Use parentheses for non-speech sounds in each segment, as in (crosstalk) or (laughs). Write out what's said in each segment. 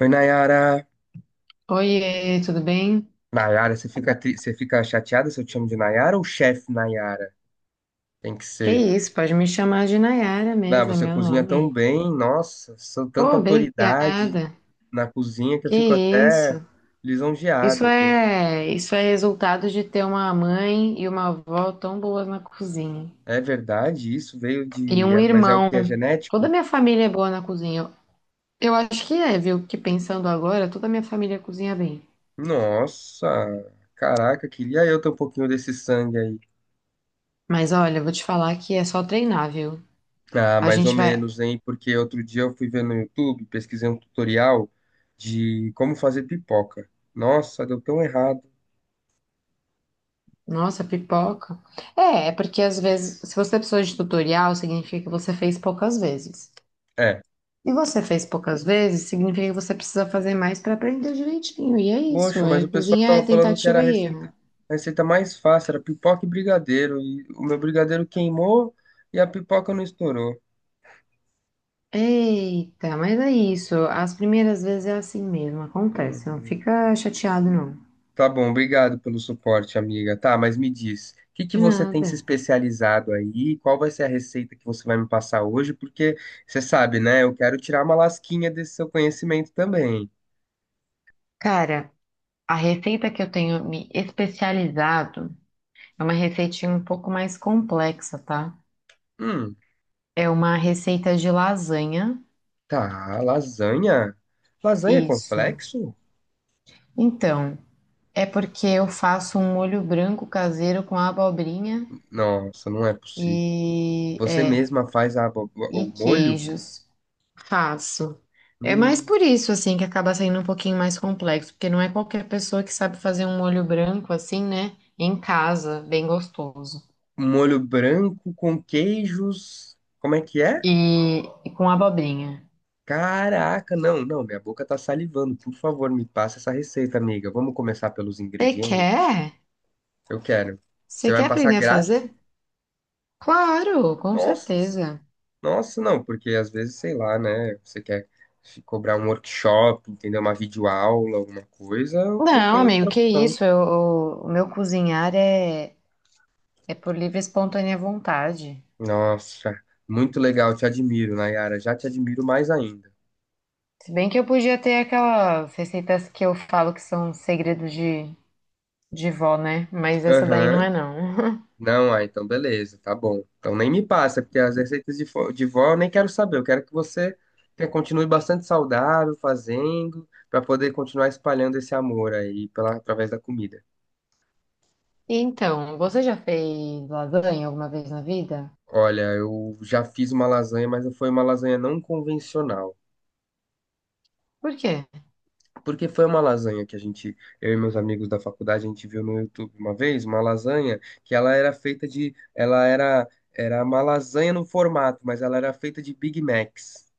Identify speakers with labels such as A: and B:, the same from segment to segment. A: Oi, Nayara.
B: Oiê, tudo bem?
A: Nayara, você fica chateada se eu te chamo de Nayara ou chefe Nayara? Tem que
B: Que
A: ser.
B: isso, pode me chamar de Nayara
A: Ah,
B: mesmo, é
A: você
B: meu
A: cozinha tão
B: nome.
A: bem, nossa, sou tanta
B: Pô,
A: autoridade
B: obrigada.
A: na cozinha que eu
B: Que
A: fico até
B: isso. Isso
A: lisonjeado.
B: é, isso é resultado de ter uma mãe e uma avó tão boas na cozinha.
A: É verdade, isso veio
B: E
A: de.
B: um
A: Mas é o
B: irmão.
A: que é
B: Toda a
A: genético?
B: minha família é boa na cozinha. Eu acho que é, viu? Que pensando agora, toda a minha família cozinha bem.
A: Nossa, caraca, queria eu ter um pouquinho desse sangue aí.
B: Mas olha, eu vou te falar que é só treinar, viu?
A: Ah,
B: A
A: mais ou
B: gente vai.
A: menos, hein? Porque outro dia eu fui ver no YouTube, pesquisei um tutorial de como fazer pipoca. Nossa, deu tão errado.
B: Nossa, pipoca. É porque às vezes, se você precisou de tutorial, significa que você fez poucas vezes.
A: É.
B: E você fez poucas vezes, significa que você precisa fazer mais para aprender direitinho. E é isso,
A: Poxa, mas
B: é,
A: o pessoal
B: cozinha
A: tava
B: é
A: falando que era a
B: tentativa e erro.
A: receita, a receita mais fácil, era pipoca e brigadeiro. E o meu brigadeiro queimou e a pipoca não estourou.
B: Eita, mas é isso. As primeiras vezes é assim mesmo, acontece. Não
A: Uhum.
B: fica chateado, não.
A: Tá bom, obrigado pelo suporte, amiga. Tá, mas me diz, o que que
B: De
A: você tem
B: nada.
A: se especializado aí? Qual vai ser a receita que você vai me passar hoje? Porque você sabe, né? Eu quero tirar uma lasquinha desse seu conhecimento também.
B: Cara, a receita que eu tenho me especializado é uma receitinha um pouco mais complexa, tá?
A: Hum,
B: É uma receita de lasanha.
A: tá, lasanha? Lasanha é
B: Isso.
A: complexo?
B: Então, é porque eu faço um molho branco caseiro com abobrinha
A: Nossa, não é possível.
B: e
A: Você
B: é,
A: mesma faz a o
B: e
A: molho?
B: queijos. Faço. É mais
A: Hum,
B: por isso assim que acaba saindo um pouquinho mais complexo, porque não é qualquer pessoa que sabe fazer um molho branco assim, né? Em casa, bem gostoso.
A: um molho branco com queijos. Como é que é?
B: E com abobrinha.
A: Caraca, não, não, minha boca tá salivando. Por favor, me passa essa receita, amiga. Vamos começar pelos
B: Você
A: ingredientes?
B: quer?
A: Eu quero. Você
B: Você
A: vai
B: quer
A: me passar
B: aprender a
A: grátis?
B: fazer? Claro, com
A: Nossa,
B: certeza.
A: nossa, não, porque às vezes, sei lá, né? Você quer se cobrar um workshop, entendeu? Uma videoaula, alguma coisa, não
B: Não,
A: tem
B: amigo,
A: outra
B: que
A: opção.
B: isso? Eu- o meu cozinhar é por livre e espontânea vontade.
A: Nossa, muito legal, te admiro, Nayara. Já te admiro mais ainda.
B: Se bem que eu podia ter aquelas receitas que eu falo que são segredos de vó, né? Mas essa daí não
A: Aham.
B: é, não. (laughs)
A: Não, ah, então beleza, tá bom. Então nem me passa, porque as receitas de vó eu nem quero saber. Eu quero que você continue bastante saudável, fazendo, para poder continuar espalhando esse amor aí através da comida.
B: Então, você já fez lasanha alguma vez na vida?
A: Olha, eu já fiz uma lasanha, mas foi uma lasanha não convencional.
B: Por quê?
A: Porque foi uma lasanha que a gente, eu e meus amigos da faculdade, a gente viu no YouTube uma vez, uma lasanha que ela era feita era uma lasanha no formato, mas ela era feita de Big Macs.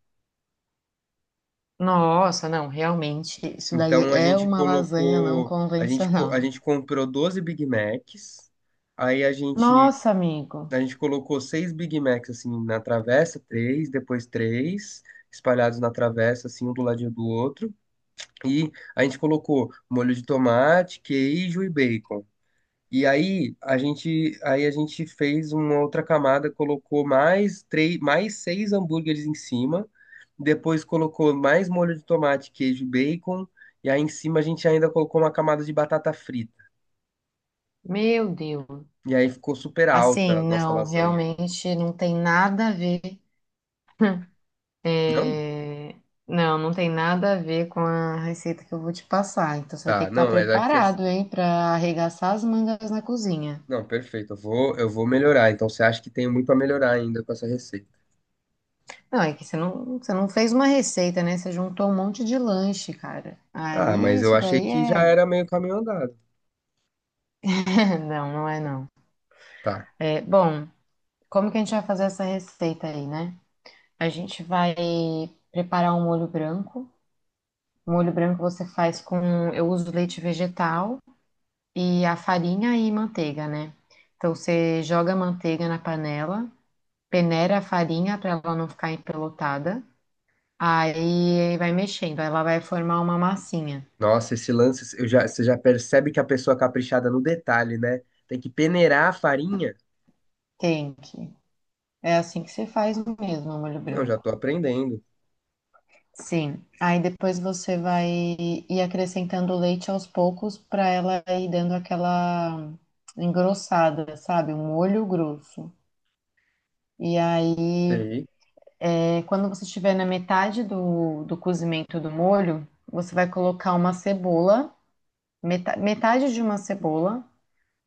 B: Nossa, não, realmente, isso daí
A: Então
B: é uma lasanha não
A: a
B: convencional.
A: gente comprou 12 Big Macs, aí a gente,
B: Nossa, amigo,
A: a gente colocou seis Big Macs assim na travessa, três, depois três, espalhados na travessa, assim, um do ladinho do outro. E a gente colocou molho de tomate, queijo e bacon. E aí a gente fez uma outra camada, colocou mais três, mais seis hambúrgueres em cima, depois colocou mais molho de tomate, queijo, e bacon, e aí em cima a gente ainda colocou uma camada de batata frita.
B: meu Deus.
A: E aí ficou super
B: Assim,
A: alta a nossa
B: não,
A: lasanha.
B: realmente não tem nada a ver. (laughs)
A: Não?
B: É, não, não tem nada a ver com a receita que eu vou te passar. Então você vai ter
A: Tá,
B: que estar
A: não, mas é que
B: preparado, hein, para arregaçar as mangas na cozinha.
A: não, perfeito. Eu vou melhorar. Então você acha que tem muito a melhorar ainda com essa receita?
B: Não, é que você não fez uma receita, né? Você juntou um monte de lanche, cara.
A: Ah,
B: Aí
A: mas eu
B: isso
A: achei
B: daí
A: que já
B: é.
A: era meio caminho andado.
B: (laughs) Não, não é não.
A: Tá.
B: É, bom, como que a gente vai fazer essa receita aí, né? A gente vai preparar um molho branco. O molho branco você faz com. Eu uso leite vegetal e a farinha e manteiga, né? Então você joga a manteiga na panela, peneira a farinha para ela não ficar empelotada, aí vai mexendo, ela vai formar uma massinha.
A: Nossa, esse lance, você já percebe que a pessoa é caprichada no detalhe, né? Tem que peneirar a farinha.
B: Tem que. É assim que você faz mesmo o molho
A: Não, já tô
B: branco.
A: aprendendo.
B: Sim, aí depois você vai ir acrescentando o leite aos poucos para ela ir dando aquela engrossada, sabe? Um molho grosso. E aí
A: Sei.
B: é, quando você estiver na metade do cozimento do molho, você vai colocar uma cebola, meta- metade de uma cebola,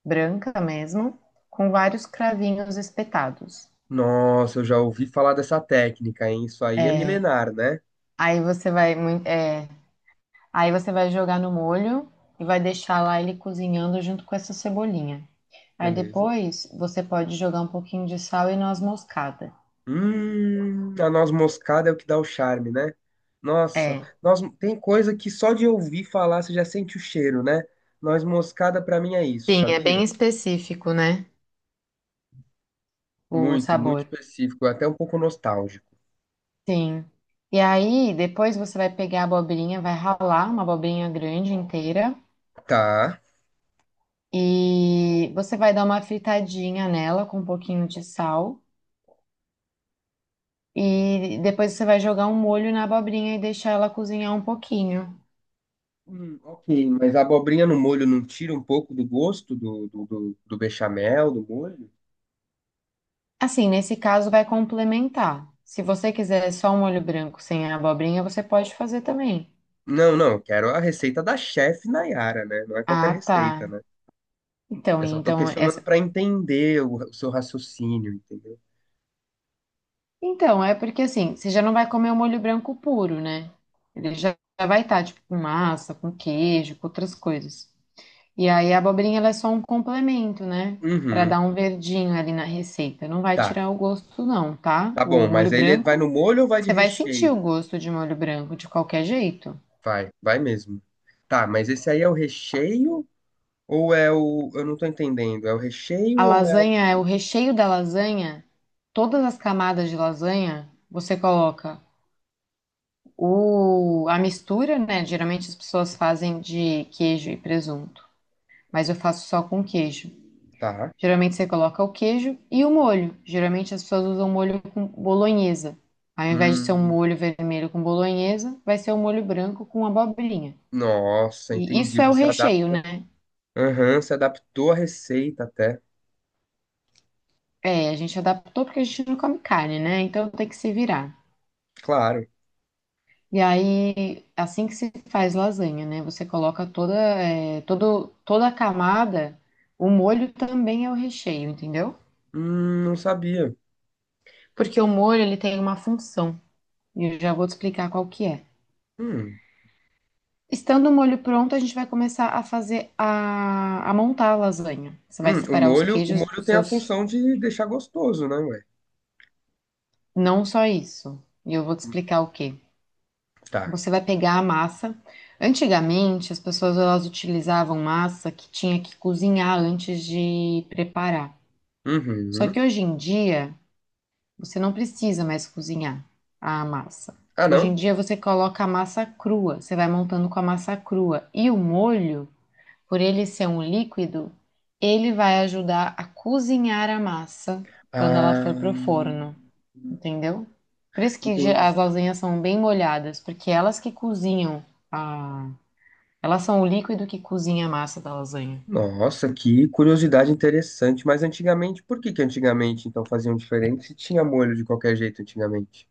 B: branca mesmo, com vários cravinhos espetados.
A: Nossa, eu já ouvi falar dessa técnica, hein? Isso aí é milenar, né?
B: Aí você vai, mui- é, aí você vai jogar no molho e vai deixar lá ele cozinhando junto com essa cebolinha. Aí
A: Beleza.
B: depois você pode jogar um pouquinho de sal e noz moscada.
A: A noz moscada é o que dá o charme, né? Nossa,
B: É,
A: tem coisa que só de ouvir falar você já sente o cheiro, né? Noz moscada pra mim é isso,
B: sim, é
A: sabia?
B: bem específico, né? O
A: Muito, muito
B: sabor.
A: específico, até um pouco nostálgico.
B: Sim. E aí, depois você vai pegar a abobrinha, vai ralar uma abobrinha grande inteira
A: Tá.
B: e você vai dar uma fritadinha nela com um pouquinho de sal. E depois você vai jogar um molho na abobrinha e deixar ela cozinhar um pouquinho.
A: Ok, mas a abobrinha no molho não tira um pouco do gosto do bechamel, do molho?
B: Assim, nesse caso, vai complementar. Se você quiser só um molho branco sem a abobrinha, você pode fazer também.
A: Não, não, eu quero a receita da chefe Nayara, né? Não é qualquer
B: Ah,
A: receita,
B: tá.
A: né?
B: Então,
A: Eu só tô
B: então
A: questionando pra entender o seu raciocínio, entendeu?
B: Então, é porque assim, você já não vai comer o molho branco puro, né? Ele já já vai estar, tipo, com massa, com queijo, com outras coisas. E aí a abobrinha, ela é só um complemento, né? Pra
A: Uhum,
B: dar um verdinho ali na receita. Não vai
A: tá,
B: tirar o gosto, não, tá?
A: tá
B: O
A: bom,
B: molho
A: mas aí ele vai no
B: branco,
A: molho ou vai de
B: você vai sentir o
A: recheio?
B: gosto de molho branco de qualquer jeito.
A: Vai, vai mesmo. Tá, mas esse aí é o recheio ou é o... Eu não tô entendendo, é o recheio
B: A
A: ou é o...
B: lasanha, é o recheio da lasanha, todas as camadas de lasanha, você coloca a mistura, né? Geralmente as pessoas fazem de queijo e presunto, mas eu faço só com queijo.
A: Tá,
B: Geralmente você coloca o queijo e o molho. Geralmente as pessoas usam molho com bolonhesa. Ao invés de ser um
A: hum,
B: molho vermelho com bolonhesa, vai ser um molho branco com abobrinha.
A: nossa,
B: E
A: entendi,
B: isso é o
A: você
B: recheio,
A: adapta.
B: né?
A: Aham, se adaptou à receita até.
B: É, a gente adaptou porque a gente não come carne, né? Então tem que se virar.
A: Claro.
B: E aí, assim que se faz lasanha, né? Você coloca toda, é, toda a camada, o molho também é o recheio, entendeu?
A: Não sabia.
B: Porque o molho ele tem uma função. E eu já vou te explicar qual que é.
A: Hum.
B: Estando o molho pronto, a gente vai começar a fazer a montar a lasanha. Você vai
A: Hum, o
B: separar os
A: molho, o
B: queijos,
A: molho
B: os
A: tem a
B: seus.
A: função de deixar gostoso, né, ué?
B: Não só isso. E eu vou te explicar o quê.
A: Tá.
B: Você vai pegar a massa. Antigamente, as pessoas elas utilizavam massa que tinha que cozinhar antes de preparar. Só que
A: Uhum.
B: hoje em dia, você não precisa mais cozinhar a massa.
A: Ah,
B: Hoje
A: não?
B: em dia, você coloca a massa crua. Você vai montando com a massa crua. E o molho. Por ele ser um líquido, ele vai ajudar a cozinhar a massa quando ela for pro
A: Ah,
B: forno, entendeu? Por isso que ge-
A: entendi.
B: as lasanhas são bem molhadas, porque elas que cozinham a... Elas são o líquido que cozinha a massa da lasanha.
A: Nossa, que curiosidade interessante. Mas antigamente, por que que antigamente então faziam diferente se tinha molho de qualquer jeito antigamente?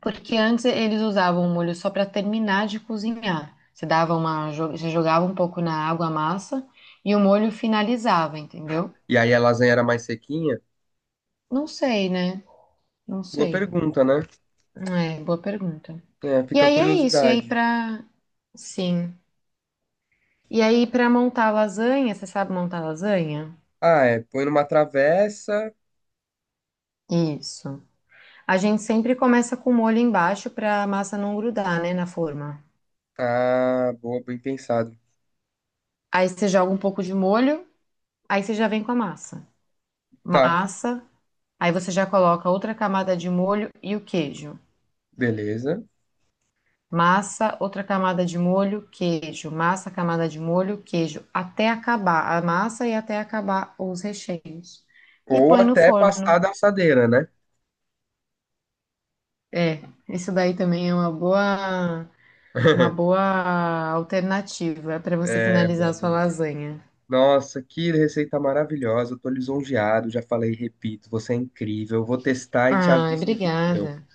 B: Porque antes eles usavam o molho só para terminar de cozinhar. Você dava uma, jo- você jogava um pouco na água a massa e o molho finalizava, entendeu?
A: E aí a lasanha era mais sequinha?
B: Não sei, né? Não
A: Boa
B: sei.
A: pergunta, né?
B: É, boa pergunta.
A: É,
B: E
A: fica a
B: aí é isso. E aí
A: curiosidade.
B: pra. Sim. E aí pra montar lasanha, você sabe montar lasanha?
A: Ah, é, põe numa travessa.
B: Isso. A gente sempre começa com molho embaixo pra massa não grudar, né, na forma.
A: Ah, boa, bem pensado.
B: Aí você joga um pouco de molho, aí você já vem com a massa.
A: Tá,
B: Massa, aí você já coloca outra camada de molho e o queijo.
A: beleza.
B: Massa, outra camada de molho, queijo. Massa, camada de molho, queijo. Até acabar a massa e até acabar os recheios. E
A: Ou
B: põe no
A: até passar
B: forno.
A: da assadeira, né?
B: É, isso daí também é uma
A: (laughs)
B: boa alternativa para você
A: É, minha
B: finalizar a sua
A: amiga.
B: lasanha.
A: Nossa, que receita maravilhosa. Eu tô lisonjeado, já falei, e repito, você é incrível. Eu vou testar e te
B: Ai,
A: aviso no que deu.
B: obrigada.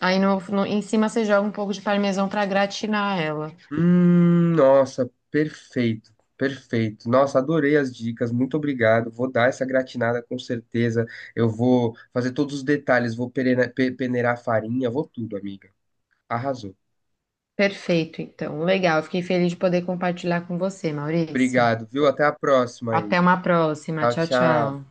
B: Aí no, no- em cima você joga um pouco de parmesão para gratinar ela.
A: Nossa, perfeito, perfeito. Nossa, adorei as dicas, muito obrigado. Vou dar essa gratinada com certeza. Eu vou fazer todos os detalhes, vou peneirar a farinha, vou tudo, amiga. Arrasou.
B: Perfeito, então. Legal, fiquei feliz de poder compartilhar com você, Maurício.
A: Obrigado, viu? Até a próxima aí.
B: Até uma próxima.
A: Tchau,
B: Tchau,
A: tchau.
B: tchau.